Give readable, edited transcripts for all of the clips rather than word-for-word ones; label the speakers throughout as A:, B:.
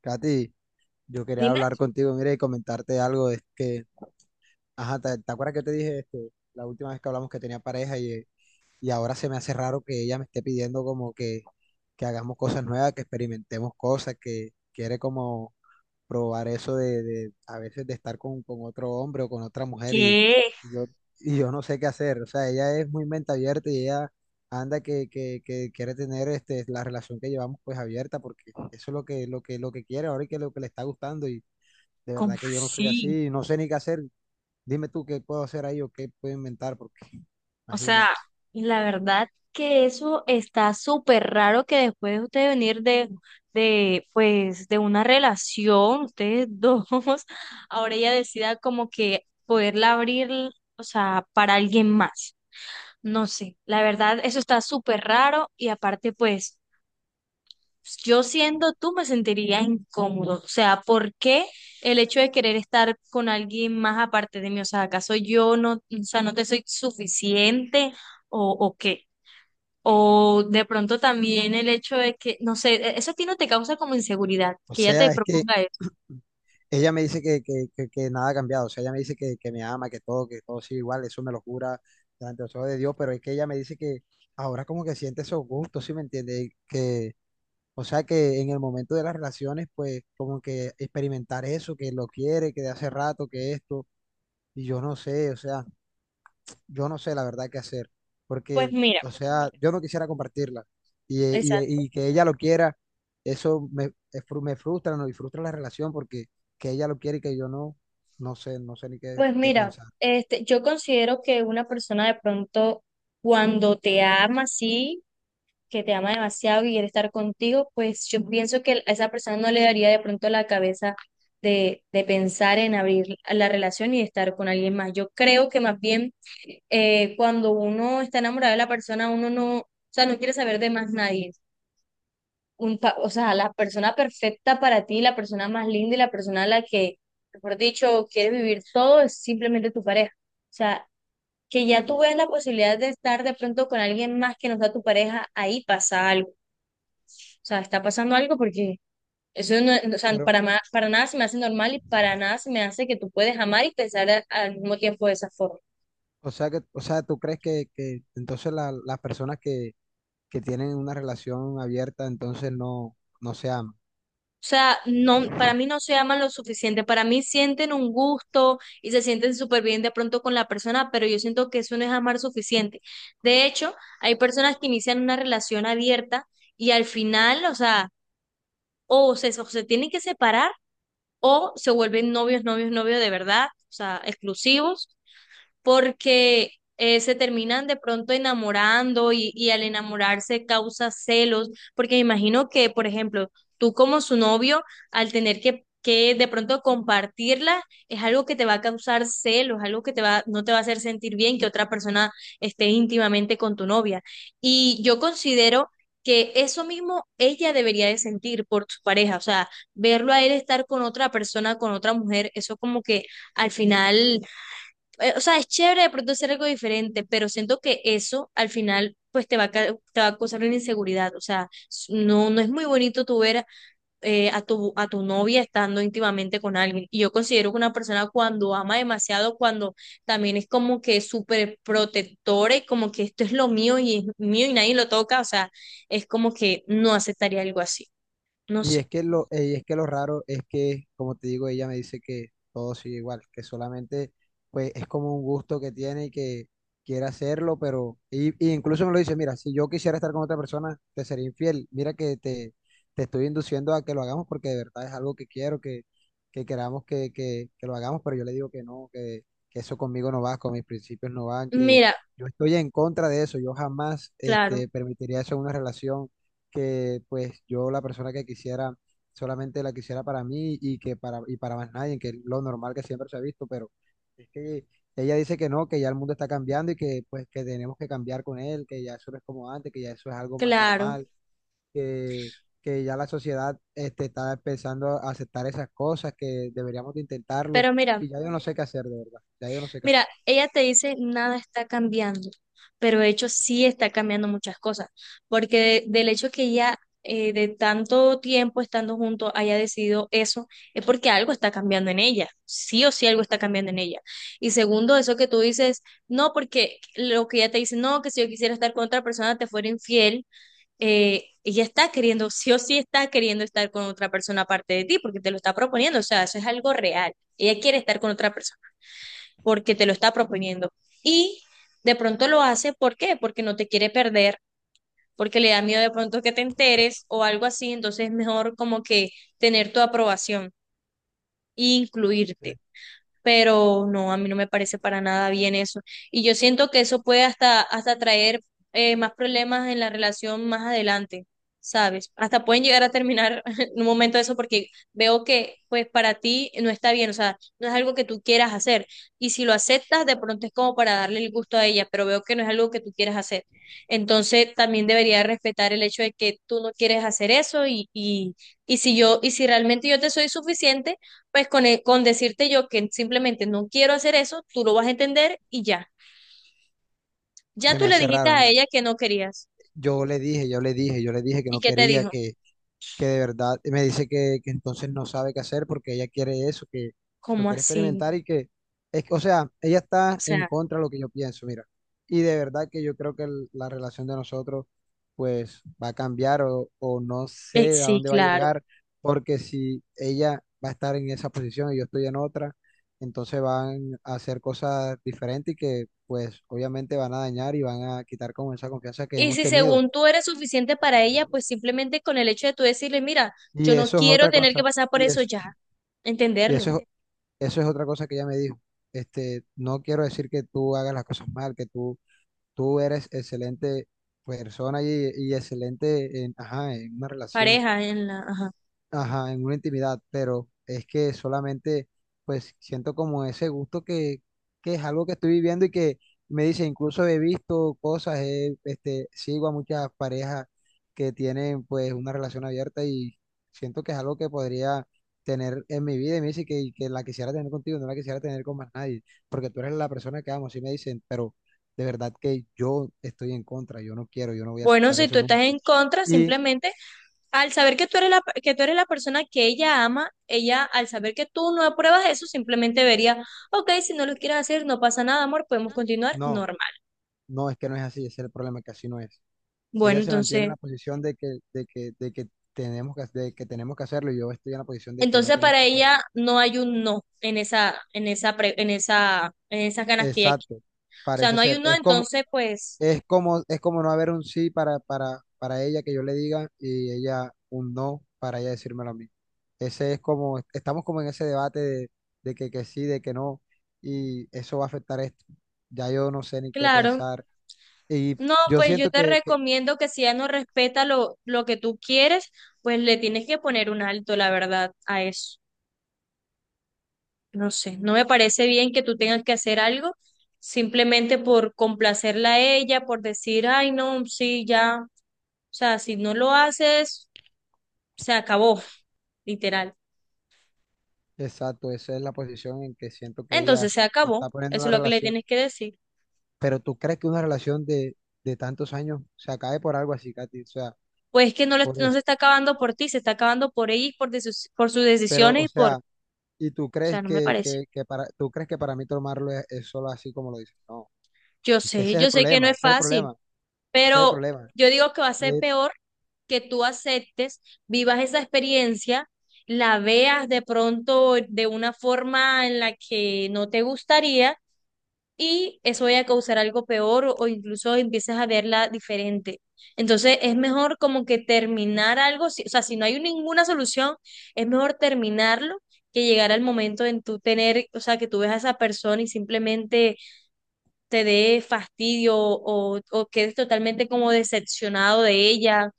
A: Katy, yo quería
B: Dime
A: hablar contigo, mira, y comentarte algo, es que, ajá, ¿te acuerdas que te dije este, la última vez que hablamos que tenía pareja y ahora se me hace raro que ella me esté pidiendo como que hagamos cosas nuevas, que experimentemos cosas, que quiere como probar eso de a veces de estar con otro hombre o con otra mujer y,
B: qué,
A: y yo, y yo no sé qué hacer. O sea, ella es muy mente abierta y ella anda que quiere tener este, la relación que llevamos pues abierta porque eso es lo que quiere ahora y que lo que le está gustando y de
B: ¿cómo
A: verdad que yo no soy
B: sí?
A: así, no sé ni qué hacer. Dime tú qué puedo hacer ahí o qué puedo inventar porque
B: O sea,
A: imagínate.
B: la verdad que eso está súper raro que después de usted venir de una relación, ustedes dos, ahora ella decida como que poderla abrir, o sea, para alguien más. No sé, la verdad, eso está súper raro y aparte, pues, yo siendo tú me sentiría incómodo. O sea, ¿por qué el hecho de querer estar con alguien más aparte de mí? O sea, ¿acaso yo no, o sea, no te soy suficiente o qué? O de pronto también el hecho de que, no sé, eso a ti no te causa como inseguridad,
A: O
B: que ella te
A: sea, es que
B: proponga eso.
A: ella me dice que nada ha cambiado, o sea, ella me dice que me ama, que todo sigue igual, eso me lo jura delante de los ojos de Dios, pero es que ella me dice que ahora como que siente esos gustos, ¿sí me entiende? Y que, o sea, que en el momento de las relaciones, pues como que experimentar eso, que lo quiere, que de hace rato, que esto, y yo no sé, o sea, yo no sé la verdad qué hacer,
B: Pues
A: porque,
B: mira,
A: o sea, yo no quisiera compartirla y,
B: exacto.
A: y que ella lo quiera, eso me, me frustra, ¿no? Y frustra la relación porque que ella lo quiere y que yo no, no sé, no sé ni qué,
B: Pues
A: qué
B: mira,
A: pensar.
B: yo considero que una persona de pronto cuando te ama, sí. Que te ama demasiado, que quiere estar contigo, pues yo pienso que a esa persona no le daría de pronto la cabeza de pensar en abrir la relación y estar con alguien más. Yo creo que más bien cuando uno está enamorado de la persona, uno no, o sea, no quiere saber de más nadie. O sea, la persona perfecta para ti, la persona más linda y la persona a la que, mejor dicho, quieres vivir todo es simplemente tu pareja. O sea, que ya tú ves la posibilidad de estar de pronto con alguien más que no sea tu pareja, ahí pasa algo. O sea, está pasando algo porque eso no, o sea,
A: Pero,
B: para nada se me hace normal y para nada se me hace que tú puedes amar y pensar al mismo tiempo de esa forma.
A: o sea, o sea, ¿tú crees que entonces las personas que tienen una relación abierta entonces no, no se aman?
B: O sea, no, para mí no se aman lo suficiente, para mí sienten un gusto y se sienten súper bien de pronto con la persona, pero yo siento que eso no es amar suficiente. De hecho, hay personas que inician una relación abierta y al final, o sea, o se tienen que separar o se vuelven novios, novios, novios de verdad, o sea, exclusivos porque se terminan de pronto enamorando y al enamorarse causa celos, porque me imagino que, por ejemplo, tú como su novio, al tener que de pronto compartirla, es algo que te va a causar celos, algo que te va, no te va a hacer sentir bien que otra persona esté íntimamente con tu novia. Y yo considero que eso mismo ella debería de sentir por su pareja, o sea, verlo a él estar con otra persona, con otra mujer, eso como que al final o sea, es chévere de pronto hacer algo diferente, pero siento que eso al final pues te va a, te va a causar una inseguridad, o sea, no, no es muy bonito tú ver a tu novia estando íntimamente con alguien. Y yo considero que una persona cuando ama demasiado, cuando también es como que súper protectora y como que esto es lo mío y es mío y nadie lo toca, o sea, es como que no aceptaría algo así, no
A: Y es
B: sé.
A: que y es que lo raro es que, como te digo, ella me dice que todo sigue igual, que solamente pues es como un gusto que tiene y que quiere hacerlo, pero, y incluso me lo dice, mira, si yo quisiera estar con otra persona, te sería infiel. Mira te estoy induciendo a que lo hagamos porque de verdad es algo que quiero, que queramos que lo hagamos, pero yo le digo que no, que eso conmigo no va, con mis principios no van, que
B: Mira,
A: yo estoy en contra de eso, yo jamás
B: claro,
A: este, permitiría eso en una relación que pues yo la persona que quisiera solamente la quisiera para mí y que para y para más nadie, que es lo normal que siempre se ha visto, pero es que ella dice que no, que ya el mundo está cambiando y que pues que tenemos que cambiar con él, que ya eso no es como antes, que ya eso es algo más
B: claro,
A: normal, que que ya la sociedad este, está empezando a aceptar esas cosas, que deberíamos de intentarlo,
B: pero mira.
A: y ya yo no sé qué hacer, de verdad, ya yo no sé qué hacer.
B: Mira, ella te dice nada está cambiando, pero de hecho sí está cambiando muchas cosas, porque del hecho que ella de tanto tiempo estando juntos haya decidido eso, es porque algo está cambiando en ella, sí o sí algo está cambiando en ella. Y segundo, eso que tú dices, no, porque lo que ella te dice, no, que si yo quisiera estar con otra persona te fuera infiel, ella está queriendo, sí o sí está queriendo estar con otra persona aparte de ti, porque te lo está proponiendo, o sea, eso es algo real, ella quiere estar con otra persona porque te lo está proponiendo. Y de pronto lo hace, ¿por qué? Porque no te quiere perder, porque le da miedo de pronto que te enteres o algo así, entonces es mejor como que tener tu aprobación e
A: Se
B: incluirte, pero no, a mí no me parece para nada bien eso. Y yo siento que eso puede hasta, hasta traer más problemas en la relación más adelante, ¿sabes? Hasta pueden llegar a terminar en un momento eso porque veo que pues para ti no está bien, o sea, no es algo que tú quieras hacer. Y si lo aceptas, de pronto es como para darle el gusto a ella, pero veo que no es algo que tú quieras hacer. Entonces también debería respetar el hecho de que tú no quieres hacer eso y si yo, y si realmente yo te soy suficiente pues con, con decirte yo que simplemente no quiero hacer eso, tú lo vas a entender y ya. Ya
A: Se
B: tú
A: me
B: le
A: hace
B: dijiste
A: raro,
B: a
A: mira.
B: ella que no querías.
A: Yo le dije que
B: ¿Y
A: no
B: qué te
A: quería,
B: dijo?
A: que de verdad me dice que entonces no sabe qué hacer porque ella quiere eso, que lo
B: ¿Cómo
A: quiere
B: así?
A: experimentar y que, es que, o sea, ella
B: O
A: está en
B: sea,
A: contra de lo que yo pienso, mira. Y de verdad que yo creo que la relación de nosotros pues va a cambiar o no sé a
B: sí,
A: dónde va a
B: claro.
A: llegar, porque si ella va a estar en esa posición y yo estoy en otra, entonces van a hacer cosas diferentes y que pues obviamente van a dañar y van a quitar como esa confianza que
B: Y
A: hemos
B: si
A: tenido.
B: según tú eres suficiente para ella, pues simplemente con el hecho de tú decirle, mira,
A: Y
B: yo no
A: eso es
B: quiero
A: otra
B: tener que
A: cosa.
B: pasar por
A: Y
B: eso
A: eso.
B: ya,
A: Y
B: entenderlo.
A: eso es, eso es otra cosa que ella me dijo. Este, no quiero decir que tú hagas las cosas mal, tú eres excelente persona y excelente en, ajá, en una relación,
B: Pareja en la, ajá.
A: ajá, en una intimidad, pero es que solamente pues siento como ese gusto que es algo que estoy viviendo y que me dice, incluso he visto cosas, este, sigo a muchas parejas que tienen pues una relación abierta y siento que es algo que podría tener en mi vida y me dice y que la quisiera tener contigo, no la quisiera tener con más nadie, porque tú eres la persona que amo, sí me dicen, pero de verdad que yo estoy en contra, yo no quiero, yo no voy a
B: Bueno,
A: aceptar
B: si tú
A: eso
B: estás
A: nunca.
B: en contra,
A: Y
B: simplemente al saber que tú eres la, que tú eres la persona que ella ama, ella al saber que tú no apruebas eso, simplemente vería, ok, si no lo quieres hacer, no pasa nada, amor, podemos continuar
A: no.
B: normal.
A: No, es que no es así, ese es el problema, que así no es.
B: Bueno,
A: Ella se mantiene en
B: entonces,
A: la posición de de que tenemos de que tenemos que hacerlo, y yo estoy en la posición de que no
B: entonces
A: tenemos
B: para
A: que hacerlo.
B: ella no hay un no en esa, en esa, en esa, en esas ganas que ella quiere.
A: Exacto,
B: O sea,
A: parece
B: no hay
A: ser.
B: un no, entonces, pues,
A: Es como no haber un sí para ella que yo le diga y ella un no para ella decírmelo a mí. Ese es como, estamos como en ese debate de que sí, de que no, y eso va a afectar esto. Ya yo no sé ni qué
B: claro.
A: pensar. Y
B: No,
A: yo
B: pues yo
A: siento
B: te recomiendo que si ella no respeta lo que tú quieres, pues le tienes que poner un alto, la verdad, a eso. No sé, no me parece bien que tú tengas que hacer algo simplemente por complacerla a ella, por decir, ay, no, sí, ya. O sea, si no lo haces, se acabó, literal.
A: exacto, esa es la posición en que siento que
B: Entonces
A: ella
B: se acabó.
A: está poniendo
B: Eso es
A: la
B: lo que le
A: relación.
B: tienes que decir.
A: Pero tú crees que una relación de tantos años se acabe por algo así, Katy, o sea,
B: Pues es que no,
A: por
B: no se
A: eso.
B: está acabando por ti, se está acabando por ella y por, de sus, por sus
A: Pero,
B: decisiones
A: o
B: y por... O
A: sea, y tú crees
B: sea, no me parece.
A: que para, tú crees que para mí tomarlo es solo así como lo dices. No, es que ese es el
B: Yo sé que no
A: problema,
B: es
A: ese es el
B: fácil.
A: problema, ese es el
B: Pero
A: problema.
B: yo digo que va a ser
A: Eh,
B: peor que tú aceptes, vivas esa experiencia, la veas de pronto de una forma en la que no te gustaría y eso vaya a causar algo peor o incluso empieces a verla diferente. Entonces es mejor como que terminar algo, o sea, si no hay ninguna solución, es mejor terminarlo que llegar al momento en tú tener, o sea, que tú ves a esa persona y simplemente te dé fastidio o quedes totalmente como decepcionado de ella.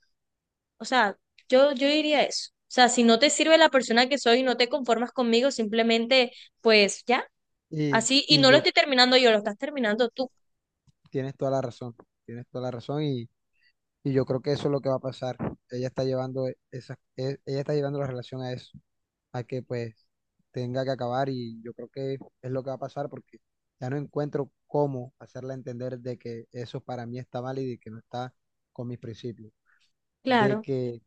B: O sea, yo diría eso. O sea, si no te sirve la persona que soy y no te conformas conmigo, simplemente, pues ya, así. Y
A: y
B: no lo
A: yo,
B: estoy terminando yo, lo estás terminando tú.
A: tienes toda la razón, tienes toda la razón y yo creo que eso es lo que va a pasar. Ella está llevando ella está llevando la relación a eso, a que pues tenga que acabar y yo creo que es lo que va a pasar porque ya no encuentro cómo hacerla entender de que eso para mí está mal y de que no está con mis principios, de
B: Claro,
A: que,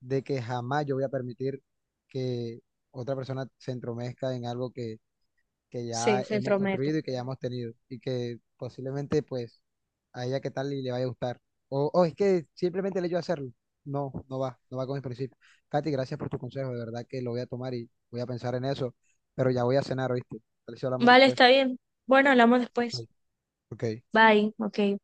A: de que jamás yo voy a permitir que otra persona se entromezca en algo que
B: sí,
A: ya
B: se
A: hemos
B: entrometo.
A: construido y que ya hemos tenido y que posiblemente pues a ella qué tal y le vaya a gustar. O es que simplemente el hecho de hacerlo. No, no va, no va con mis principios. Katy, gracias por tu consejo, de verdad que lo voy a tomar y voy a pensar en eso, pero ya voy a cenar, ¿oíste? Tal vez si hablamos
B: Vale, está
A: después.
B: bien. Bueno, hablamos después.
A: Ok.
B: Bye, ok.